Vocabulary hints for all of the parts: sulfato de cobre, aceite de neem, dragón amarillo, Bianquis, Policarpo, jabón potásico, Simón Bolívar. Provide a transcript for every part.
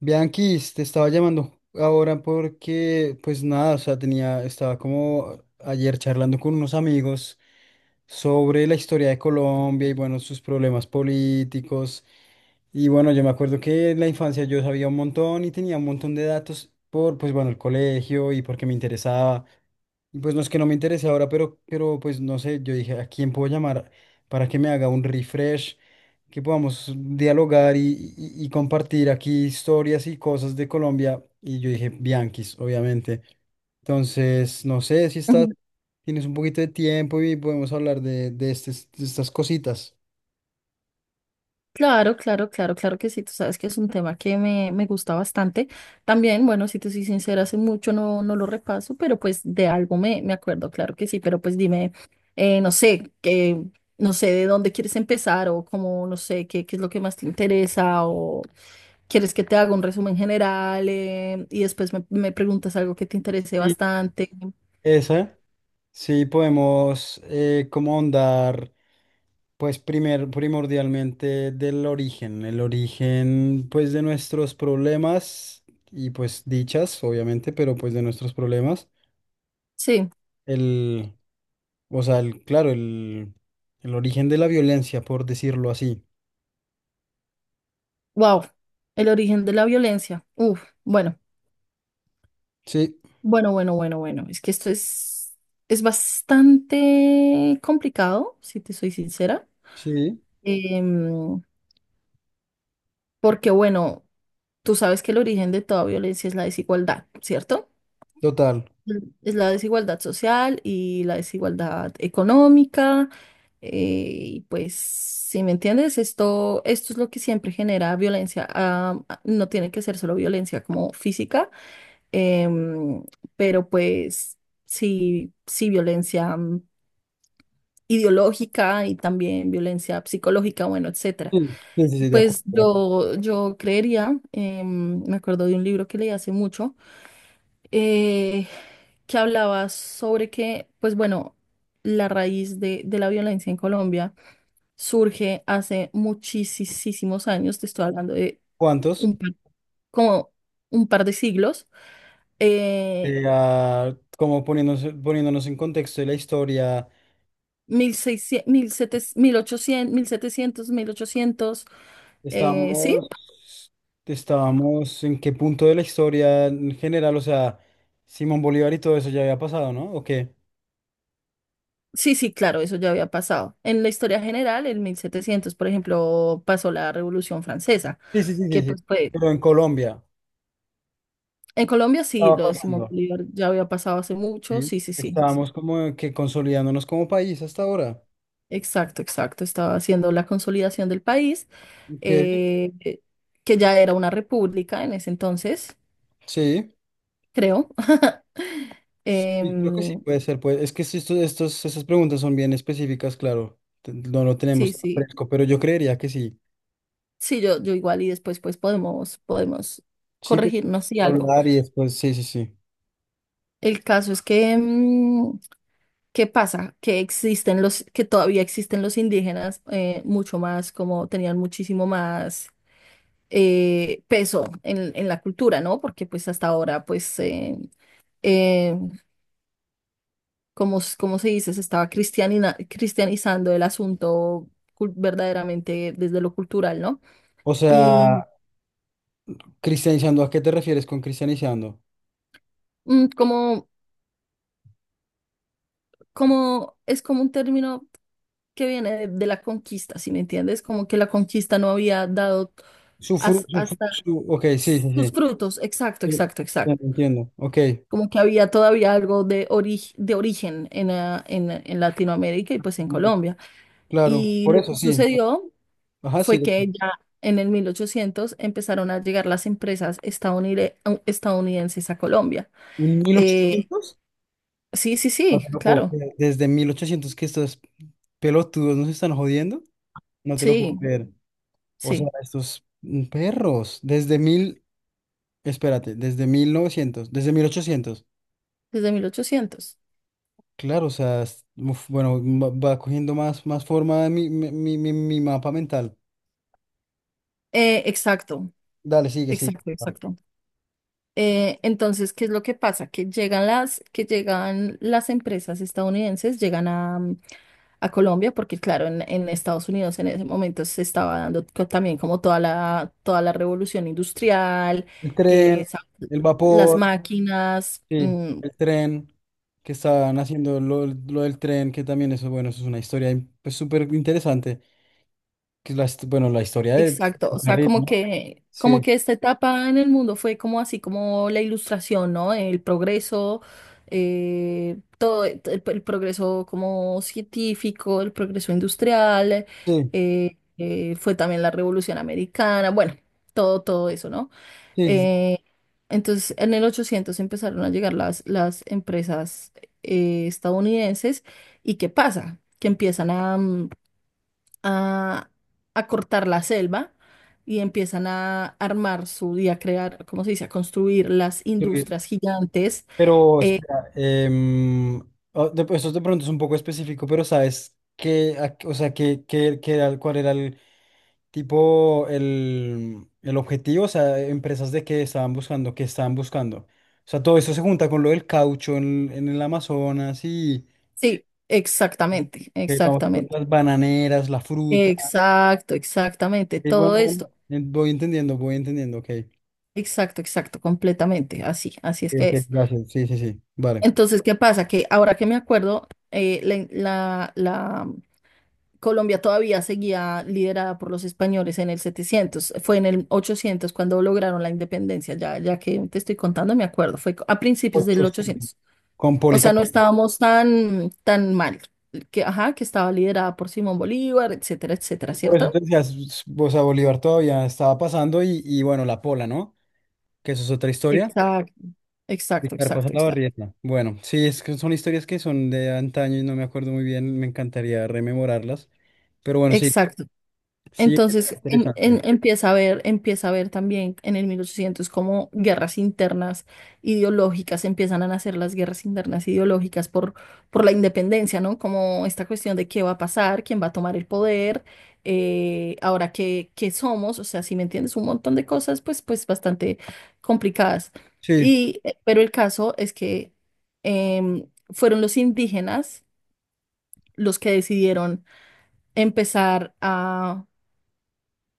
Bianquis, te estaba llamando ahora porque, pues nada, o sea, tenía, estaba como ayer charlando con unos amigos sobre la historia de Colombia y bueno, sus problemas políticos. Y bueno, yo me acuerdo que en la infancia yo sabía un montón y tenía un montón de datos por, pues bueno, el colegio y porque me interesaba. Y pues no es que no me interese ahora, pero pues no sé, yo dije, ¿a quién puedo llamar para que me haga un refresh? Que podamos dialogar y compartir aquí historias y cosas de Colombia. Y yo dije, Bianquis, obviamente. Entonces, no sé si estás, Ujú. tienes un poquito de tiempo y podemos hablar de estas cositas. Claro, claro, claro, claro que sí, tú sabes que es un tema que me gusta bastante. También, bueno, si te soy sincera, hace mucho no lo repaso, pero pues de algo me acuerdo, claro que sí, pero pues dime, no sé, no sé de dónde quieres empezar o cómo, no sé, qué es lo que más te interesa o quieres que te haga un resumen general, y después me preguntas algo que te interese Y bastante. esa, sí, podemos como ahondar, primordialmente del origen, el origen pues de nuestros problemas y pues dichas, obviamente, pero pues de nuestros problemas. Sí, Claro, el origen de la violencia, por decirlo así. wow, el origen de la violencia. Uf, bueno. Sí, Bueno. Es que esto es bastante complicado, si te soy sincera. sí, Em, Porque, bueno, tú sabes que el origen de toda violencia es la desigualdad, ¿cierto? total. Mm. Es la desigualdad social y la desigualdad económica. eh, y pues, si me entiendes, esto es lo que siempre genera violencia. Ah, no tiene que ser solo violencia como física. Em, pero pues sí, sí, violencia ideológica, y también violencia psicológica, bueno, etcétera. Sí, sí, sí, sí, de acuerdo, Pues de acuerdo. Yo creería, me acuerdo de un libro que leí hace mucho, eh, que hablaba sobre que, pues bueno, la raíz de la violencia en Colombia surge hace muchísimos años, te estoy hablando de ¿Cuántos? un, par- como un par de siglos. Eh, Como poniéndonos en contexto de la historia, 1600, 1700, 1800 sí, estábamos, estábamos en qué punto de la historia en general, o sea, Simón Bolívar y todo eso ya había pasado, ¿no? ¿O qué? sí, sí, claro, eso ya había pasado. En la historia general, en 1700 por ejemplo, pasó la Revolución Francesa, Sí, sí, sí, sí, que sí. pues fue... Pero en Colombia En Colombia sí, estaba lo decimos, pasando. Bolívar ya había pasado hace mucho. ¿Sí? Sí, sí, sí, sí, sí. Estábamos como que consolidándonos como país hasta ahora. Exacto, exacto. Estaba haciendo la consolidación del país, Ok, eh, eh, que ya era una república en ese entonces, sí. creo. Sí, creo que sí Em, puede ser, pues. Es que si esto- estos, esas preguntas son bien específicas, claro. No lo tenemos sí, tan sí. fresco, pero yo creería que sí. Sí, yo igual, y después pues podemos Sí, que corregirnos y algo. hablar y después, sí, sí, sí. El caso es que, ¿qué pasa? Que existen los, que todavía existen los indígenas, mucho más, como tenían muchísimo más peso en la cultura, ¿no? Porque pues hasta ahora pues, eh, como se dice, se estaba cristianizando el asunto verdaderamente desde lo cultural, ¿no? O sea, Y cristianizando, ¿a qué te refieres con cristianizando? mm, como como es como un término que viene de la conquista, ¿si me entiendes? Como que la conquista no había dado hasta Ok, sí, sí, sus sí. frutos. Exacto, Sí, exacto, ya exacto. te entiendo, ok. Como que había todavía algo de origen en, en Latinoamérica y pues en Colombia. Claro, Y por lo eso que sí. sucedió Ajá, sí. fue que ya en el 1800 empezaron a llegar las empresas estadounidenses a Colombia. ¿En mil Eh, ochocientos? sí, sí, No sí, te lo puedo claro. creer. Desde 1800 que estos pelotudos nos están jodiendo, no te lo puedo Sí, creer. O sea, sí, estos mm, perros, desde 1900 desde mil ochocientos. desde 1800. Claro, uf, bueno, va, va cogiendo más, más forma mi mapa mental. Exacto, Dale, sigue, sigue. exacto, Va. exacto. Entonces, ¿qué es lo que pasa? Que que llegan las empresas estadounidenses, llegan a, a Colombia, porque claro, en Estados Unidos en ese momento se estaba dando también como toda la revolución industrial, El tren, eh, sa- el las vapor, máquinas. sí, el tren, que estaban haciendo lo del tren, que también eso, bueno, eso es una historia in- pues, súper interesante, que es la, hist- bueno, la historia de Exacto, o sea, ferrocarril, ¿no? Como Sí, que esta etapa en el mundo fue como así como la ilustración, ¿no? El progreso, todo el progreso como científico, el progreso industrial, sí, fue también la Revolución Americana, bueno, todo eso, ¿no? sí, sí. Eh, entonces, en el 800 empezaron a llegar las empresas, estadounidenses, y ¿qué pasa? Que empiezan a, a cortar la selva y empiezan a armar su y a crear, ¿cómo se dice? A construir las Sí. industrias gigantes. Pero Eh, espera, esto de pronto es un poco específico, pero ¿sabes qué, o sea, qué era, cuál era el tipo, el objetivo? O sea, empresas de qué estaban buscando, qué estaban buscando. O sea, todo eso se junta con lo del caucho en el Amazonas y sí, exactamente, vamos, con exactamente. las bananeras, la fruta. Exacto, exactamente. Y Todo bueno, bueno, esto. Voy entendiendo, ok. Exacto, exacto, completamente. Así, así es Ok, que ok, es. gracias, sí, sí, sí, vale. Entonces, ¿qué pasa? Que ahora que me acuerdo, la Colombia todavía seguía liderada por los españoles en el 700. Fue en el 800 cuando lograron la independencia. Ya, ya que te estoy contando, me acuerdo. Fue a principios del 800. 800. Con O sea, no Policarpo. estábamos tan, tan mal. Que, ajá, que estaba liderada por Simón Bolívar, etcétera, etcétera, Por eso ¿cierto? te decía, o sea, Bolívar todavía estaba pasando y bueno, la pola, ¿no? Que eso es otra historia. Exacto, exacto, Víctor pasa exacto, la exacto. barrieta. Bueno, sí, es que son historias que son de antaño y no me acuerdo muy bien, me encantaría rememorarlas. Pero bueno, sí, Exacto. sí, está Entonces en- interesante. en- empieza a ver también en el 1800 como guerras internas ideológicas, empiezan a nacer las guerras internas ideológicas por la independencia, ¿no? Como esta cuestión de qué va a pasar, quién va a tomar el poder, ahora qué, qué somos, o sea, si me entiendes, un montón de cosas pues, pues bastante complicadas. Sí, Y, pero el caso es que, em, fueron los indígenas los que decidieron empezar a,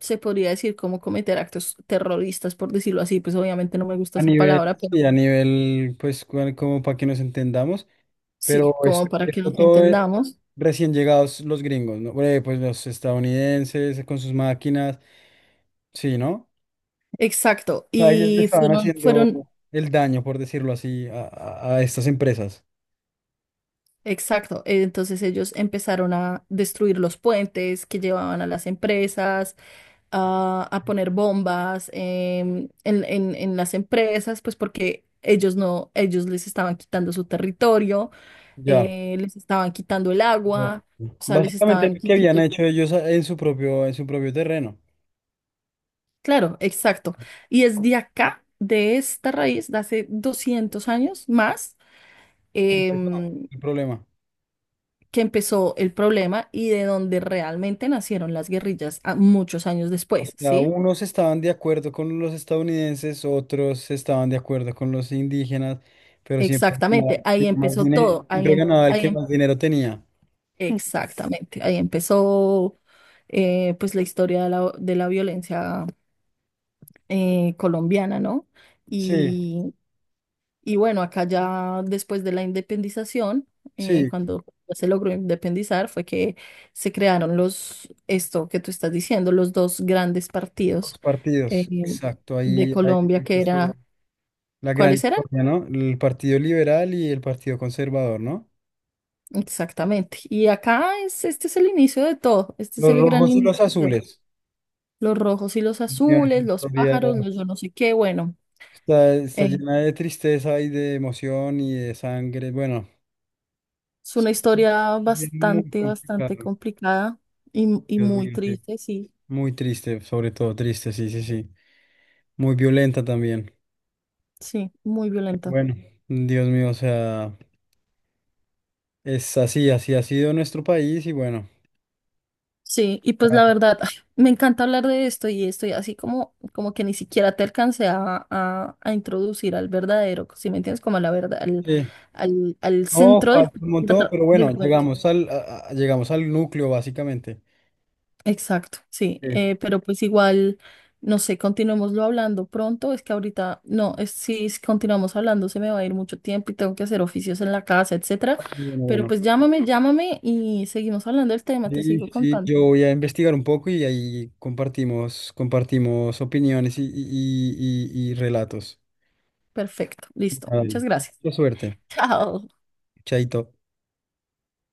se podría decir como, cometer actos terroristas, por decirlo así, pues obviamente no me gusta esa palabra, pero sí, a nivel, pues, como para que nos entendamos, sí, pero es, como para que esto nos todo entendamos. recién llegados los gringos, ¿no? Pues los estadounidenses con sus máquinas, sí, ¿no? Exacto, Sea, que le estaban haciendo el daño, por decirlo así, a estas empresas. exacto, entonces ellos empezaron a destruir los puentes que llevaban a las empresas, a poner bombas, en las empresas, pues porque... Ellos no, ellos les estaban quitando su territorio, Ya. Les estaban quitando el agua, o sea, les Básicamente estaban lo que habían quitando. hecho ellos en su propio terreno. Claro, exacto. Y es de acá, de esta raíz, de hace 200 años más, Que empezó em, el problema. que empezó el problema y de donde realmente nacieron las guerrillas muchos años O después, sea, ¿sí? unos estaban de acuerdo con los estadounidenses, otros estaban de acuerdo con los indígenas, pero siempre ganaba Exactamente, el que ahí más empezó dinero, todo, siempre ganaba el que más dinero tenía. exactamente, ahí empezó, pues la historia de de la violencia colombiana, ¿no? Sí, Y bueno, acá ya después de la independización, sí, cuando ya se logró independizar, fue que se crearon los, esto que tú estás diciendo, los dos grandes partidos, los eh, partidos, exacto, de ahí, ahí Colombia, que empezó. era, La gran ¿cuáles eran? historia, ¿no? El Partido Liberal y el Partido Conservador, ¿no? Exactamente. Y acá es, este es el inicio de todo, este es Los el gran rojos y inicio los de todo. azules. Los rojos y los Mira, esa azules, los historia pájaros, los yo no sé qué, bueno, está, está eh, llena de tristeza y de emoción y de sangre. Bueno, es una historia es muy bastante, bastante complicado. complicada y Dios muy mío, sí. triste, sí, Muy triste, sobre todo triste, sí, sí, sí. Muy violenta también. sí, muy violenta. Bueno, Dios mío, o sea, es así, así ha sido nuestro país y bueno, Sí, y pues la verdad, ay, me encanta hablar de esto y estoy así como, como que ni siquiera te alcancé a introducir al verdadero, si me entiendes, como a la verdad, sí. Al No, centro del, falta un montón, pero bueno, del cuento. llegamos al, llegamos al núcleo básicamente. Exacto, sí, Sí. Pero pues igual, no sé, continuémoslo hablando pronto, es que ahorita, no, es, si s- continuamos hablando se me va a ir mucho tiempo y tengo que hacer oficios en la casa, etcétera, Bueno, pero bueno. pues llámame, llámame y seguimos hablando del tema, te Sí, sigo sí, contando. yo voy a investigar un poco y ahí compartimos, compartimos opiniones y relatos. Perfecto, listo, muchas Vale. gracias. Mucha suerte. Chao. Chaito.